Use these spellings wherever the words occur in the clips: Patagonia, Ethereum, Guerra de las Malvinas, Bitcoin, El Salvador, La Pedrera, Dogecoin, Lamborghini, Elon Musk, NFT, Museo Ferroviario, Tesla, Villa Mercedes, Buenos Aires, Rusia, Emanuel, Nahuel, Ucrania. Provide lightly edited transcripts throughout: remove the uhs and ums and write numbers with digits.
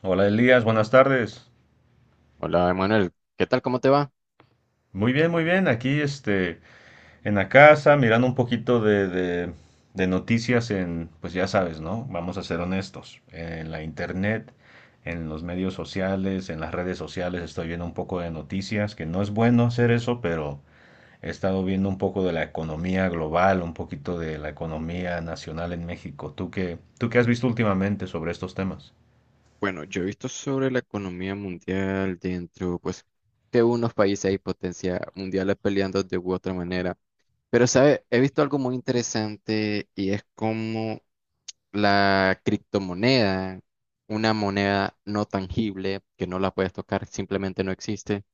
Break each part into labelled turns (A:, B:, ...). A: Hola Elías, buenas tardes.
B: Hola, Emanuel. ¿Qué tal? ¿Cómo te va?
A: Muy bien, muy bien. Aquí en la casa, mirando un poquito de noticias en, pues ya sabes, ¿no? Vamos a ser honestos. En la internet, en los medios sociales, en las redes sociales, estoy viendo un poco de noticias, que no es bueno hacer eso, pero he estado viendo un poco de la economía global, un poquito de la economía nacional en México. ¿Tú qué has visto últimamente sobre estos temas?
B: Bueno, yo he visto sobre la economía mundial dentro, pues, que unos países hay potencia mundiales peleando de u otra manera. Pero, ¿sabes? He visto algo muy interesante y es como la criptomoneda, una moneda no tangible que no la puedes tocar, simplemente no existe,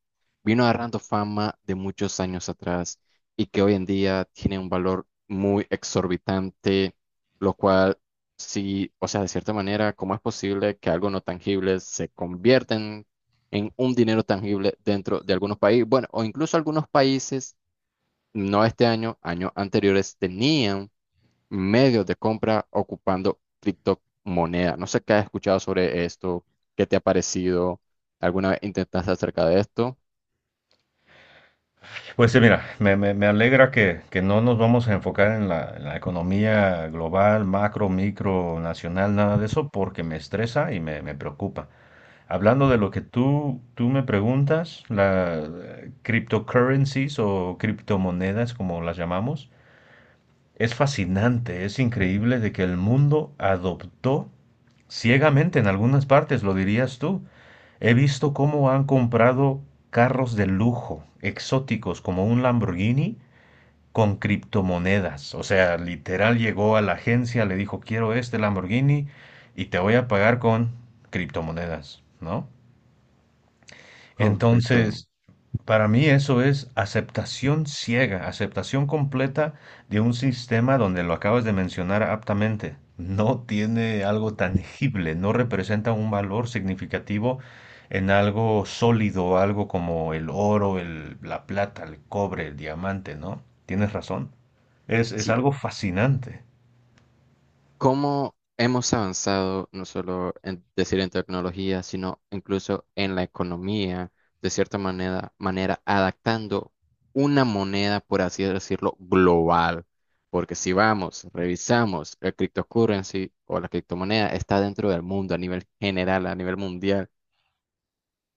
B: vino agarrando fama de muchos años atrás y que hoy en día tiene un valor muy exorbitante, lo cual sí, o sea, de cierta manera, ¿cómo es posible que algo no tangible se convierta en un dinero tangible dentro de algunos países? Bueno, o incluso algunos países, no este año, años anteriores, tenían medios de compra ocupando criptomonedas. No sé qué has escuchado sobre esto, qué te ha parecido, alguna vez intentaste acerca de esto.
A: Pues sí, mira, me alegra que no nos vamos a enfocar en en la economía global, macro, micro, nacional, nada de eso, porque me estresa y me preocupa. Hablando de lo que tú me preguntas, las cryptocurrencies o criptomonedas, como las llamamos, es fascinante, es increíble de que el mundo adoptó ciegamente en algunas partes, lo dirías tú. He visto cómo han comprado carros de lujo, exóticos, como un Lamborghini con criptomonedas. O sea, literal llegó a la agencia, le dijo, quiero este Lamborghini y te voy a pagar con criptomonedas, ¿no?
B: Correcto.
A: Entonces, para mí eso es aceptación ciega, aceptación completa de un sistema donde lo acabas de mencionar aptamente. No tiene algo tangible, no representa un valor significativo en algo sólido, algo como el oro, la plata, el cobre, el diamante, ¿no? Tienes razón. Es
B: Sí,
A: algo fascinante.
B: cómo hemos avanzado no solo en decir en tecnología, sino incluso en la economía, de cierta manera adaptando una moneda, por así decirlo, global. Porque si vamos, revisamos el cryptocurrency o la criptomoneda, está dentro del mundo a nivel general, a nivel mundial,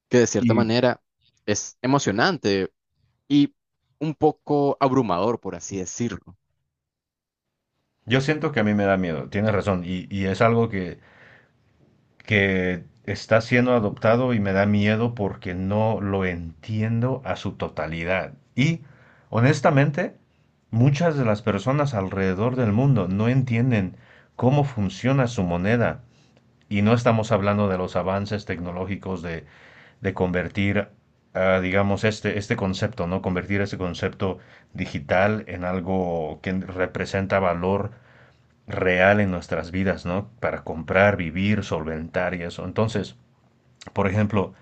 B: que de cierta
A: Y
B: manera es emocionante y un poco abrumador, por así decirlo.
A: yo siento que a mí me da miedo, tienes razón. Y es algo que está siendo adoptado y me da miedo porque no lo entiendo a su totalidad. Y honestamente, muchas de las personas alrededor del mundo no entienden cómo funciona su moneda. Y no estamos hablando de los avances tecnológicos de convertir, este concepto, ¿no? Convertir ese concepto digital en algo que representa valor real en nuestras vidas, ¿no? Para comprar, vivir, solventar y eso. Entonces, por ejemplo,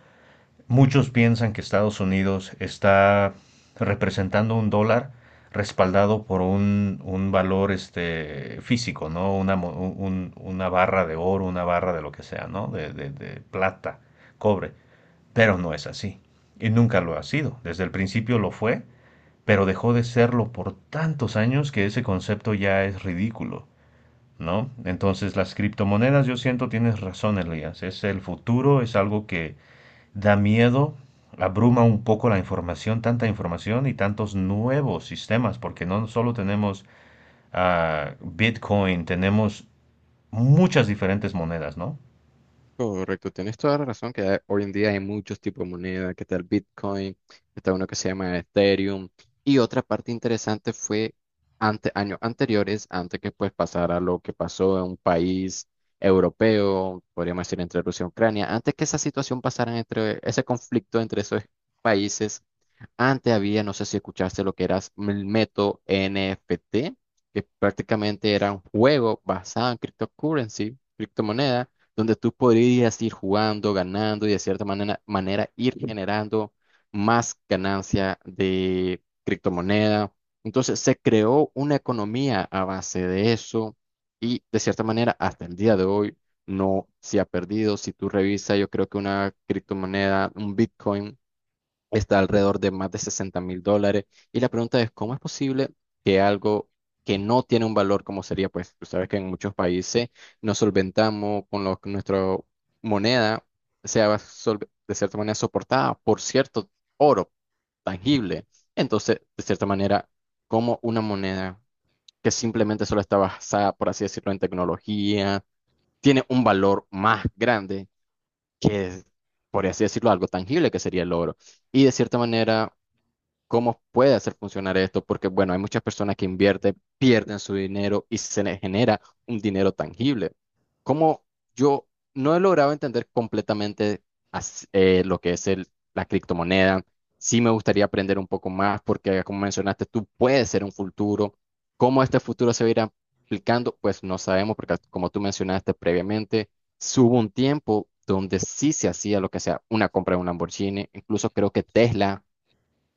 A: muchos piensan que Estados Unidos está representando un dólar respaldado por un valor físico, ¿no? Una barra de oro, una barra de lo que sea, ¿no? De plata, cobre. Pero no es así. Y nunca lo ha sido. Desde el principio lo fue, pero dejó de serlo por tantos años que ese concepto ya es ridículo, ¿no? Entonces las criptomonedas, yo siento, tienes razón, Elías, es el futuro, es algo que da miedo, abruma un poco la información, tanta información y tantos nuevos sistemas, porque no solo tenemos Bitcoin, tenemos muchas diferentes monedas, ¿no?
B: Correcto, tienes toda la razón que hoy en día hay muchos tipos de moneda, que está el Bitcoin, está uno que se llama Ethereum, y otra parte interesante fue años anteriores, antes que pues pasara lo que pasó en un país europeo, podríamos decir entre Rusia y Ucrania, antes que esa situación pasara entre ese conflicto entre esos países, antes había, no sé si escuchaste lo que era el método NFT, que prácticamente era un juego basado en cryptocurrency, criptomoneda, donde tú podrías ir jugando, ganando y de cierta manera ir generando más ganancia de criptomoneda. Entonces se creó una economía a base de eso y de cierta manera hasta el día de hoy no se ha perdido. Si tú revisas, yo creo que una criptomoneda, un Bitcoin, está alrededor de más de $60,000. Y la pregunta es, ¿cómo es posible que algo que no tiene un valor como sería, pues tú sabes que en muchos países nos solventamos con lo que nuestra moneda sea de cierta manera soportada por cierto oro tangible? Entonces, de cierta manera, como una moneda que simplemente solo está basada, por así decirlo, en tecnología, tiene un valor más grande que, por así decirlo, algo tangible que sería el oro. Y de cierta manera, cómo puede hacer funcionar esto, porque bueno, hay muchas personas que invierten, pierden su dinero y se les genera un dinero tangible. Como yo no he logrado entender completamente lo que es la criptomoneda, sí me gustaría aprender un poco más, porque como mencionaste, tú puedes ser un futuro. ¿Cómo este futuro se va a ir aplicando? Pues no sabemos, porque como tú mencionaste previamente, sí hubo un tiempo donde sí se hacía lo que sea una compra de un Lamborghini, incluso creo que Tesla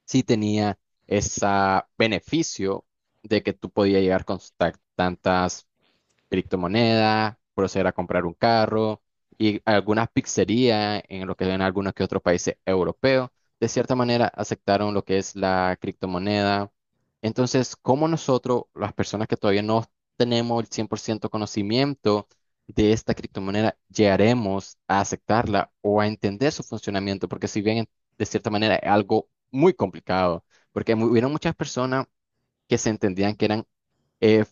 B: sí tenía ese beneficio de que tú podías llegar con tantas criptomoneda, proceder a comprar un carro y algunas pizzerías en lo que ven algunos que otros países europeos, de cierta manera aceptaron lo que es la criptomoneda. Entonces, ¿cómo nosotros, las personas que todavía no tenemos el 100% conocimiento de esta criptomoneda, llegaremos a aceptarla o a entender su funcionamiento? Porque si bien de cierta manera es algo muy complicado, porque hubieron muchas personas que se entendían que eran eh,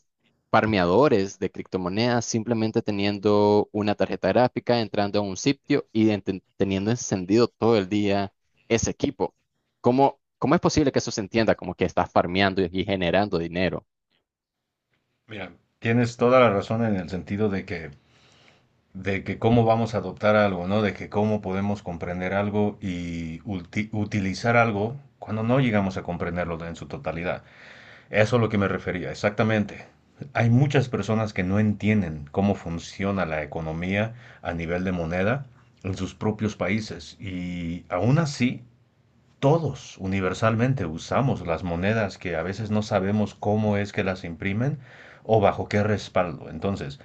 B: farmeadores de criptomonedas simplemente teniendo una tarjeta gráfica, entrando a un sitio y teniendo encendido todo el día ese equipo. ¿Cómo es posible que eso se entienda como que estás farmeando y generando dinero?
A: Mira, tienes toda la razón en el sentido de que cómo vamos a adoptar algo, ¿no? De que cómo podemos comprender algo y utilizar algo cuando no llegamos a comprenderlo en su totalidad. Eso es lo que me refería, exactamente. Hay muchas personas que no entienden cómo funciona la economía a nivel de moneda en sus propios países y aún así todos universalmente usamos las monedas que a veces no sabemos cómo es que las imprimen o bajo qué respaldo. Entonces,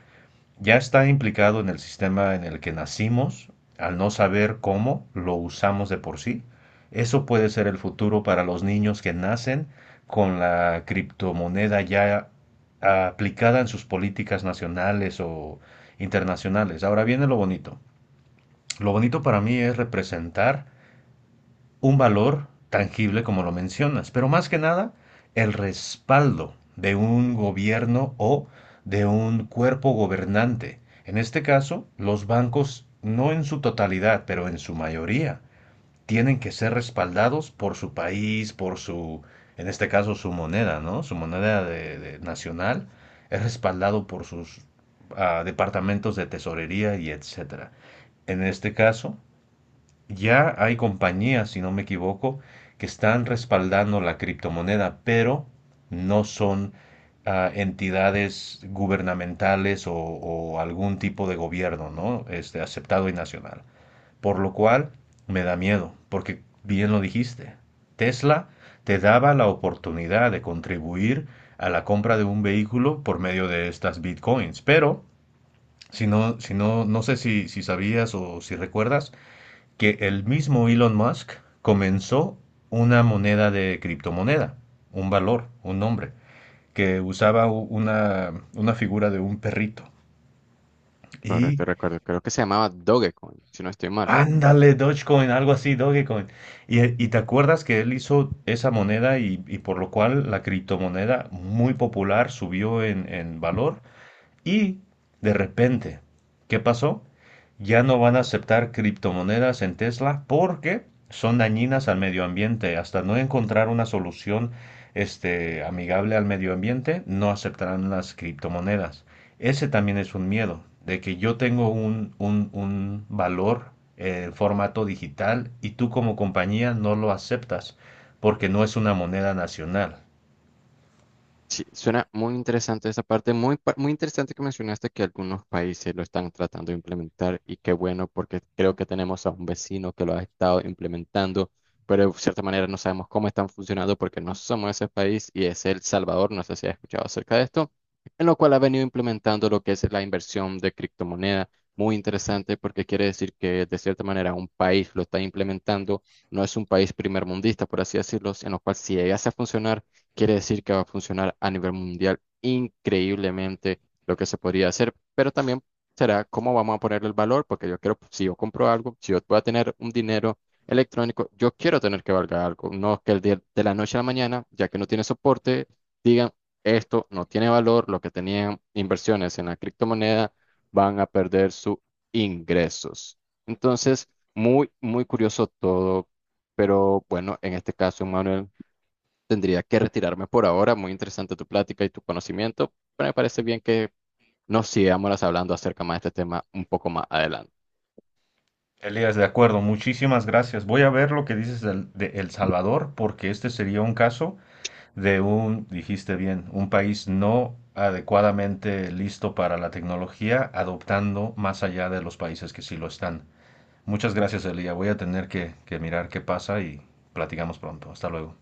A: ya está implicado en el sistema en el que nacimos, al no saber cómo lo usamos de por sí. Eso puede ser el futuro para los niños que nacen con la criptomoneda ya aplicada en sus políticas nacionales o internacionales. Ahora viene lo bonito. Lo bonito para mí es representar un valor tangible como lo mencionas, pero más que nada el respaldo de un gobierno o de un cuerpo gobernante. En este caso, los bancos, no en su totalidad, pero en su mayoría, tienen que ser respaldados por su país, en este caso, su moneda, ¿no? Su moneda nacional es respaldado por sus departamentos de tesorería y etcétera. En este caso, ya hay compañías, si no me equivoco, que están respaldando la criptomoneda, pero no son entidades gubernamentales o algún tipo de gobierno, ¿no? Aceptado y nacional. Por lo cual me da miedo, porque bien lo dijiste, Tesla te daba la oportunidad de contribuir a la compra de un vehículo por medio de estas bitcoins, pero si no, si no, no sé si sabías o si recuerdas, que el mismo Elon Musk comenzó una moneda de criptomoneda, un valor, un nombre, que usaba una figura de un perrito. Y
B: Correcto, recuerdo. Creo que se llamaba Dogecoin, si no estoy mal.
A: ándale, Dogecoin, algo así, Dogecoin. Y te acuerdas que él hizo esa moneda y por lo cual la criptomoneda muy popular subió en valor. Y de repente, ¿qué pasó? Ya no van a aceptar criptomonedas en Tesla porque son dañinas al medio ambiente. Hasta no encontrar una solución amigable al medio ambiente, no aceptarán las criptomonedas. Ese también es un miedo, de que yo tengo un, un valor en formato digital y tú como compañía no lo aceptas porque no es una moneda nacional.
B: Sí, suena muy interesante esa parte, muy interesante que mencionaste que algunos países lo están tratando de implementar y qué bueno porque creo que tenemos a un vecino que lo ha estado implementando, pero de cierta manera no sabemos cómo están funcionando porque no somos ese país y es El Salvador, no sé si has escuchado acerca de esto, en lo cual ha venido implementando lo que es la inversión de criptomoneda, muy interesante porque quiere decir que de cierta manera un país lo está implementando, no es un país primermundista, por así decirlo, en lo cual si llegase a funcionar quiere decir que va a funcionar a nivel mundial increíblemente lo que se podría hacer, pero también será cómo vamos a ponerle el valor, porque yo quiero, si yo compro algo, si yo voy a tener un dinero electrónico, yo quiero tener que valga algo, no que el día de la noche a la mañana, ya que no tiene soporte, digan, esto no tiene valor, lo que tenían inversiones en la criptomoneda van a perder sus ingresos. Entonces, muy curioso todo, pero bueno, en este caso, Manuel, tendría que retirarme por ahora. Muy interesante tu plática y tu conocimiento, pero me parece bien que nos sigamos hablando acerca más de este tema un poco más adelante.
A: Elías, de acuerdo, muchísimas gracias. Voy a ver lo que dices de El Salvador, porque este sería un caso de un, dijiste bien, un país no adecuadamente listo para la tecnología, adoptando más allá de los países que sí lo están. Muchas gracias, Elías. Voy a tener que mirar qué pasa y platicamos pronto. Hasta luego.